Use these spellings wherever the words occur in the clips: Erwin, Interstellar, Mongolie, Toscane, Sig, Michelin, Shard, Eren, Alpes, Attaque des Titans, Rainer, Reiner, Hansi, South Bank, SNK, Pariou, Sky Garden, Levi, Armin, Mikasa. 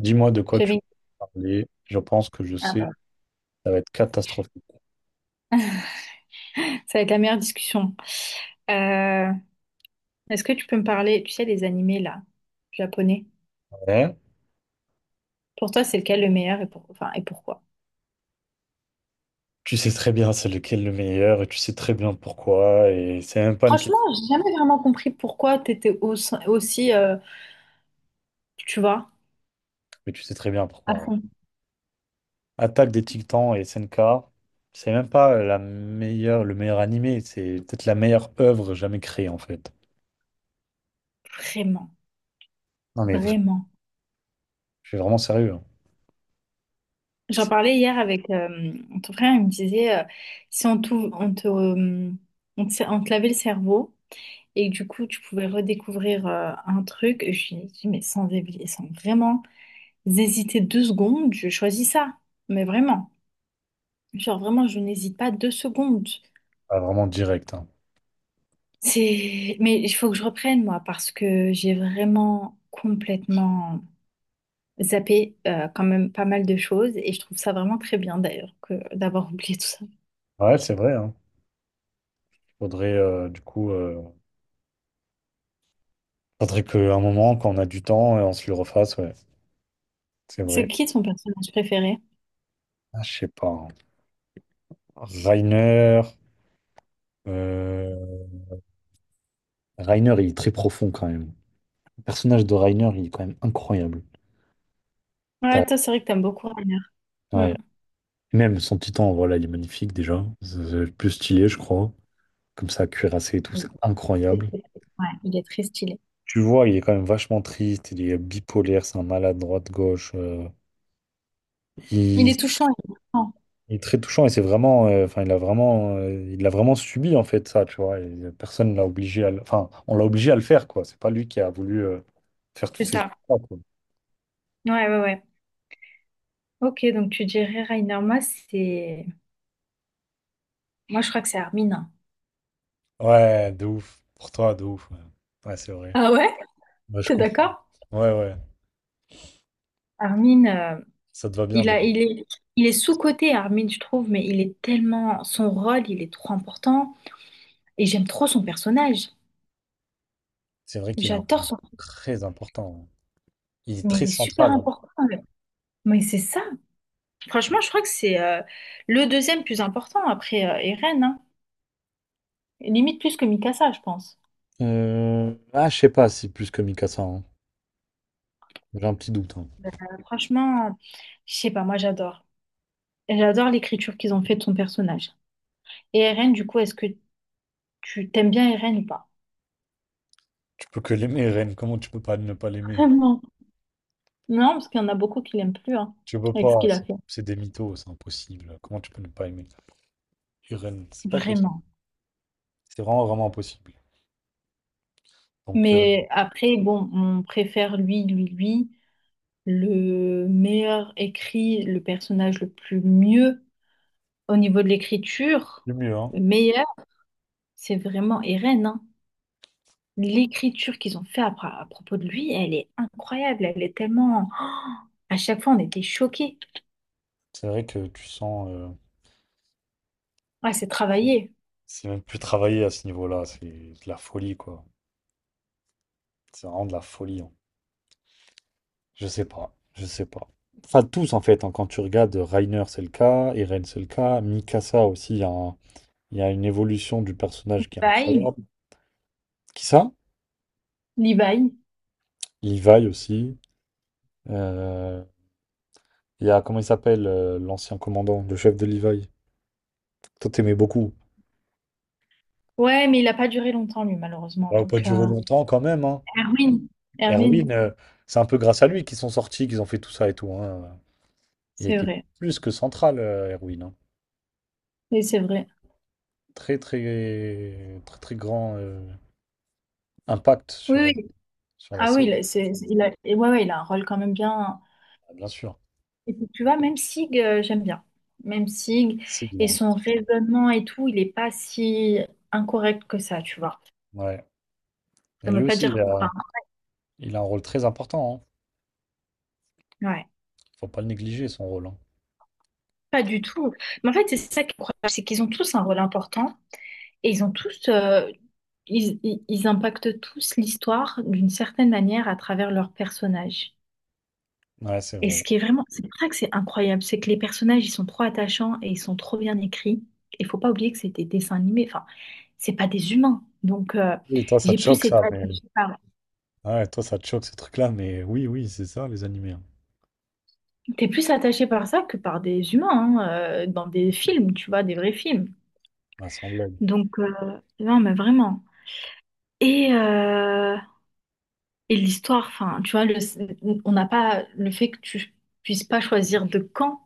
Dis-moi de quoi tu J'avais une... veux parler. Je pense que je Ah sais, bah. ça va être catastrophique. Ça va être la meilleure discussion. Euh, Est-ce que tu peux me parler, tu sais, des animés là, japonais? Ouais. Pour toi, c'est lequel le meilleur et, enfin, et pourquoi? Tu sais très bien c'est lequel le meilleur et tu sais très bien pourquoi. Et c'est même pas une question, Franchement, j'ai jamais vraiment compris pourquoi aussi, tu vois, mais tu sais très bien à pourquoi. Ouais. fond. Attaque des Titans et SNK, c'est même pas la meilleure, le meilleur animé, c'est peut-être la meilleure œuvre jamais créée en fait. Vraiment, Non mais vraiment. je suis vraiment sérieux. Hein. J'en C'est parlais hier avec ton frère, il me disait, si on te lavait le cerveau et que du coup, tu pouvais redécouvrir un truc, je lui ai dit, mais sans vraiment hésité deux secondes, je choisis ça. Mais vraiment, genre vraiment, je n'hésite pas deux secondes. pas vraiment direct. Hein. Mais il faut que je reprenne moi parce que j'ai vraiment complètement zappé quand même pas mal de choses et je trouve ça vraiment très bien d'ailleurs que d'avoir oublié tout ça. Ouais, c'est vrai. Hein. Faudrait, du coup, faudrait qu'à un moment, quand on a du temps, on se le refasse. Ouais, c'est vrai. C'est qui ton personnage préféré? Ah, je sais pas. Hein. Reiner. euh, Reiner, il est très profond quand même. Le personnage de Reiner, il est quand même incroyable. T'as- Ouais, toi, c'est vrai que t'aimes beaucoup Rainer. Hmm. ouais. Même son titan, voilà, il est magnifique déjà. C'est le plus stylé, je crois. Comme ça, cuirassé et tout, c'est incroyable. Ouais, il est très stylé. Tu vois, il est quand même vachement triste, il est bipolaire, c'est un malade droite-gauche. Il il, est touchant, il est touchant. il est très touchant et c'est vraiment, enfin, il a vraiment subi en fait ça, tu vois. Et personne l'a obligé à, enfin, on l'a obligé à le faire quoi. C'est pas lui qui a voulu faire toutes C'est ces ça. choses. Ouais, ouais, ouais. Ok, donc tu dirais Rainer. Moi, c'est. Moi, je crois que c'est Armin, hein. Ouais, de ouf. Pour toi, de ouf. Ouais, ouais, c'est vrai. Ah ouais? Ouais, je T'es comprends. d'accord? Ouais, ouais. Armin, euh, Ça te va bien, Deb. Il est, il est sous-coté, Armin, je trouve, mais il est tellement, son rôle, il est trop important. Et j'aime trop son personnage. C'est vrai qu'il est J'adore son, très important. Hein. Il est mais très il est super central. Hein. important. Mais c'est ça. Franchement, je crois que c'est le deuxième plus important après Eren, hein. Limite plus que Mikasa, je pense. Ah, je sais pas si plus que Mikasa. Hein. J'ai un petit doute. Hein. Ben, Franchement, je sais pas, moi j'adore. J'adore l'écriture qu'ils ont fait de son personnage. Et Eren, du coup, est-ce que tu t'aimes bien Eren ou pas? Tu peux que l'aimer, Ren. Comment tu peux pas ne pas l'aimer? Vraiment. Non, parce qu'il y en a beaucoup qui l'aiment plus, hein, Tu peux avec ce pas. qu'il a C'est fait. c'est des mythos, c'est impossible. Comment tu peux ne pas aimer Et Ren? C'est pas possible. Vraiment. C'est vraiment, vraiment impossible. Donc, Mais après, bon, on préfère lui, lui, lui, le meilleur écrit, le personnage le plus mieux au niveau de l'écriture, le mieux, hein. le meilleur, c'est vraiment Eren, hein. L'écriture qu'ils ont fait à propos de lui, elle est incroyable, elle est tellement oh à chaque fois, on était choqués. C'est vrai que tu sens. Ouais, c'est travaillé. C'est même plus travaillé à ce niveau-là. C'est de la folie, quoi. C'est vraiment de la folie. Hein. Je sais pas, je sais pas. Enfin, tous en fait, hein, quand tu regardes Reiner, c'est le cas, Eren, c'est le cas, Mikasa aussi, il y a une évolution du personnage qui est Bye, incroyable. Qui ça? Levi. Levi aussi. Euh, Il y a, comment il s'appelle, l'ancien commandant, le chef de Levi. Toi, t'aimais beaucoup. Ouais, mais il n'a pas duré longtemps, lui, malheureusement. Ça va pas Donc, durer longtemps quand même, hein. Erwin, Erwin, Erwin, c'est un peu grâce à lui qu'ils sont sortis, qu'ils ont fait tout ça et tout, hein. Il c'est était vrai. plus que central, Erwin, hein. Oui, c'est vrai. Très, très, très, très grand impact Oui, sur, oui, sur la ah oui, il série. a- c'est- il a, et ouais, ouais, il a un rôle quand même bien. Ah, bien sûr. Et puis, tu vois, même Sig, j'aime bien. Même Sig C'est qu'il a et un- son raisonnement et tout, il n'est pas si incorrect que ça, tu vois. Ouais. Ça Et ne lui veut pas aussi, il dire. Enfin, a, il a un rôle très important. Hein. ouais, Faut pas le négliger, son rôle. Hein. pas du tout. Mais en fait, c'est ça qui est incroyable, c'est qu'ils ont tous un rôle important et ils ont tous. Ils, ils- ils impactent tous l'histoire d'une certaine manière à travers leurs personnages. Ouais, c'est Et ce vrai. qui est vraiment, c'est pour ça que c'est incroyable, c'est que les personnages, ils sont trop attachants et ils sont trop bien écrits. Il faut pas oublier que c'est des dessins animés, enfin, c'est pas des humains. Donc, Et toi, ça j'ai te choque, plus été ça. Mais... attachée par... Ouais, toi, ça te choque, ces trucs-là. Mais oui, oui, c'est ça, les animés. Hein. T'es plus attaché par ça que par des humains, hein, dans des films, tu vois, des vrais films. Bah, sans blague. Donc, non, mais vraiment. Et, euh, et l'histoire, enfin, tu vois, on n'a pas le fait que tu puisses pas choisir de camp.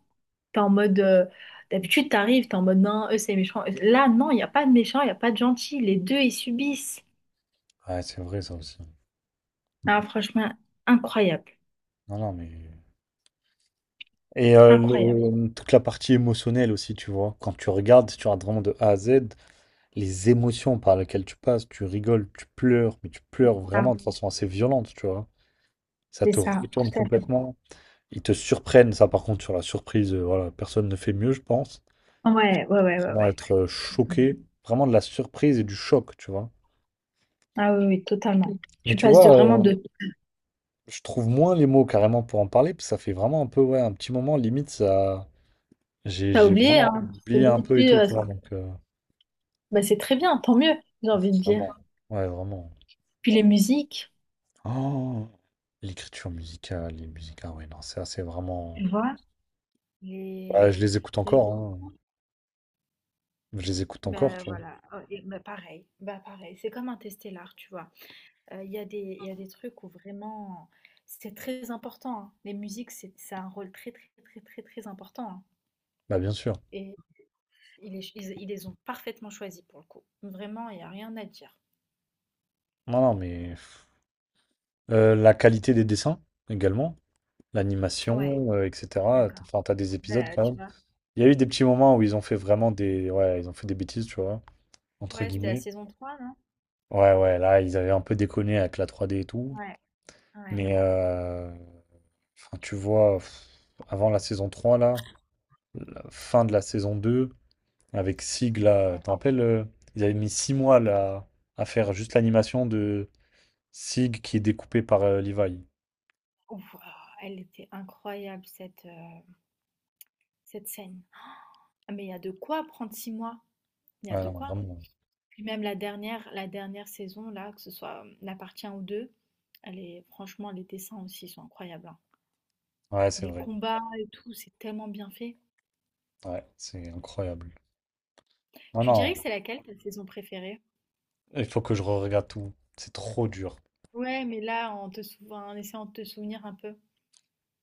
T'es en mode. D'habitude, t'arrives, t'es en mode non, eux c'est méchant. Là, non, il n'y a pas de méchant, il n'y a pas de gentil. Les deux, ils subissent. Ouais, c'est vrai, ça aussi. Ah, franchement, incroyable. Non, non, mais. Et Incroyable. Toute la partie émotionnelle aussi, tu vois. Quand tu regardes vraiment de A à Z, les émotions par lesquelles tu passes, tu rigoles, tu pleures, mais tu pleures Ah, vraiment de façon assez violente, tu vois. Ça c'est te ça, retourne tout à fait. complètement. Ils te surprennent, ça par contre, sur la surprise, voilà, personne ne fait mieux, je pense. Ouais, ouais, ouais, ouais, Vraiment ouais. être choqué, vraiment de la surprise et du choc, tu vois. Ah oui, oui, totalement. Mais Tu tu passes de vois, vraiment de. je trouve moins les mots carrément pour en parler, parce que ça fait vraiment un peu, ouais, un petit moment, limite, ça... J'ai, T'as j'ai oublié, vraiment hein? C'est oublié un limite peu et plus, tout, tu vois, ça- donc... Bah, c'est très bien, tant mieux, j'ai envie de dire. vraiment. Ouais, vraiment. Puis les musiques, Oh, l'écriture musicale, les musiques, ah ouais, non, ça, c'est vraiment... tu vois, les. Ouais, je les écoute les- encore, hein. Je les écoute encore, bah tu vois. voilà. Oh, bah pareil, c'est comme un Interstellar, tu vois. Il y a des trucs où vraiment c'est très important, hein. Les musiques, c'est ça a un rôle très, très, très, très, très important, hein, Bah, bien sûr. et ils les ils ils les ont parfaitement choisis pour le coup. Vraiment, il y a rien à dire. Non, non, mais... la qualité des dessins, également. Ouais, L'animation, etc. d'accord. Enfin, t'as des épisodes Bah, quand tu même. vois? Il y a eu des petits moments où ils ont fait vraiment des... Ouais, ils ont fait des bêtises, tu vois, entre Ouais, c'était la guillemets. saison 3 non? Ouais, ouais, là, ils avaient un peu déconné avec la 3D et tout. Ouais, ouais, Mais, enfin, tu vois, pff, avant la saison 3 là, la fin de la saison 2 avec Sig, là, tu te ouais. rappelles, ils avaient mis 6 mois, là, à faire juste l'animation de Sig qui est découpé par Levi. Wouah! Elle était incroyable cette, cette scène. Ah mais il y a de quoi prendre 6 mois. Il y a Ouais, de non, quoi. vraiment. Puis même la dernière saison, là, que ce soit La Partien ou 2, elle est, franchement, les dessins aussi sont incroyables, hein. Ouais, c'est Les vrai. combats et tout, c'est tellement bien fait. Ouais, c'est incroyable. Non, Tu non. dirais que c'est laquelle ta saison préférée? Il faut que je re-regarde tout. C'est trop dur. Ouais, mais là, en te souvenant, en essayant de te souvenir un peu.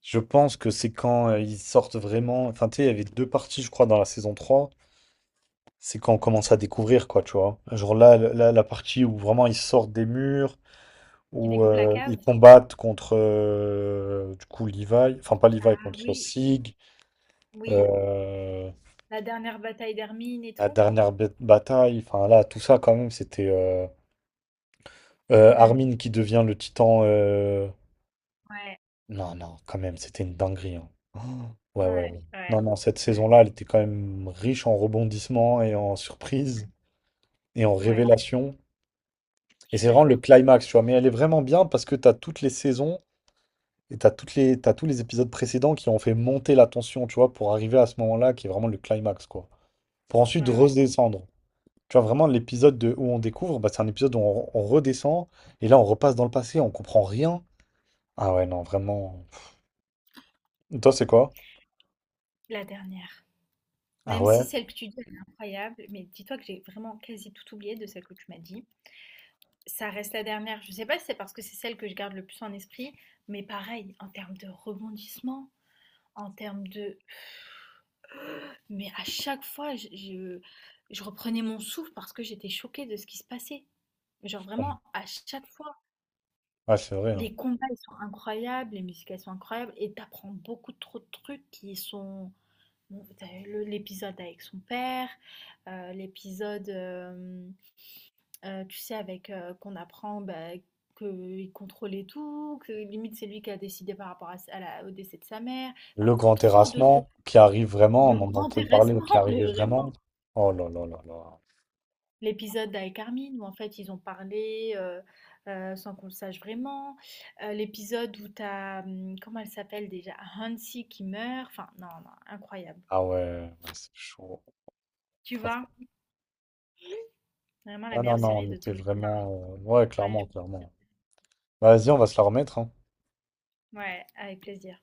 Je pense que c'est quand ils sortent vraiment. Enfin, tu sais, il y avait 2 parties, je crois, dans la saison 3. C'est quand on commence à découvrir, quoi, tu vois. Genre là, là, la partie où vraiment ils sortent des murs, Qui où découvre la ils cave? combattent contre, du coup, Levi. Enfin, pas Levi, Ah contre oui, Sig. oui. euh, La dernière bataille d'Hermine et la tout. dernière bataille. Enfin, là, tout ça, quand même, c'était Hmm, Armin qui devient le titan. Ouais, Non, non, quand même, c'était une dinguerie. Hein. Oh, ouais, ouais, ouais. ouais, Non, non, cette ouais, saison-là, elle était quand même riche en rebondissements et en surprises et en ouais. révélations. Et Je suis c'est vraiment le d'accord. climax, tu vois. Mais elle est vraiment bien parce que t'as toutes les saisons et t'as toutes les, t'as tous les épisodes précédents qui ont fait monter la tension, tu vois, pour arriver à ce moment-là qui est vraiment le climax, quoi. Pour Ouais, ensuite ouais. redescendre. Tu vois, vraiment, l'épisode de- où on découvre, bah, c'est un épisode où on, redescend et là, on repasse dans le passé, on comprend rien. Ah ouais, non, vraiment. Toi, c'est quoi? La dernière. Ah Même ouais? si celle que tu dis, elle est incroyable, mais dis-toi que j'ai vraiment quasi tout oublié de celle que tu m'as dit. Ça reste la dernière. Je sais pas si c'est parce que c'est celle que je garde le plus en esprit, mais pareil, en termes de rebondissement, en termes de... Mais à chaque fois, je reprenais mon souffle parce que j'étais choquée de ce qui se passait. Genre vraiment, à chaque fois, Ouais, c'est vrai. Hein. les combats, ils sont incroyables, les musiques, elles sont incroyables, et t'apprends beaucoup trop de trucs qui sont bon, t'as eu l'épisode avec son père, euh, l'épisode, euh, tu sais, avec qu'on apprend bah, qu'il contrôlait tout, que limite c'est lui qui a décidé par rapport au décès de sa mère. Enfin, Le grand trop terrassement qui arrive vraiment, de on en grands entend parler, mais qui intéressements, mais arrivait vraiment. vraiment. Oh là là là là. L'épisode avec Armin, où en fait ils ont parlé sans qu'on le sache vraiment. L'épisode où t'as, comment elle s'appelle déjà, Hansi qui meurt. Enfin, non, non, incroyable. Ah ouais, ouais, c'est chaud. Tu Franchement. vois, vraiment la Ah non, meilleure non, série on de était tous les. Je vraiment. Ouais, pourrais clairement, clairement. Bah, vas-y, on va se la remettre, hein. ouais, avec plaisir.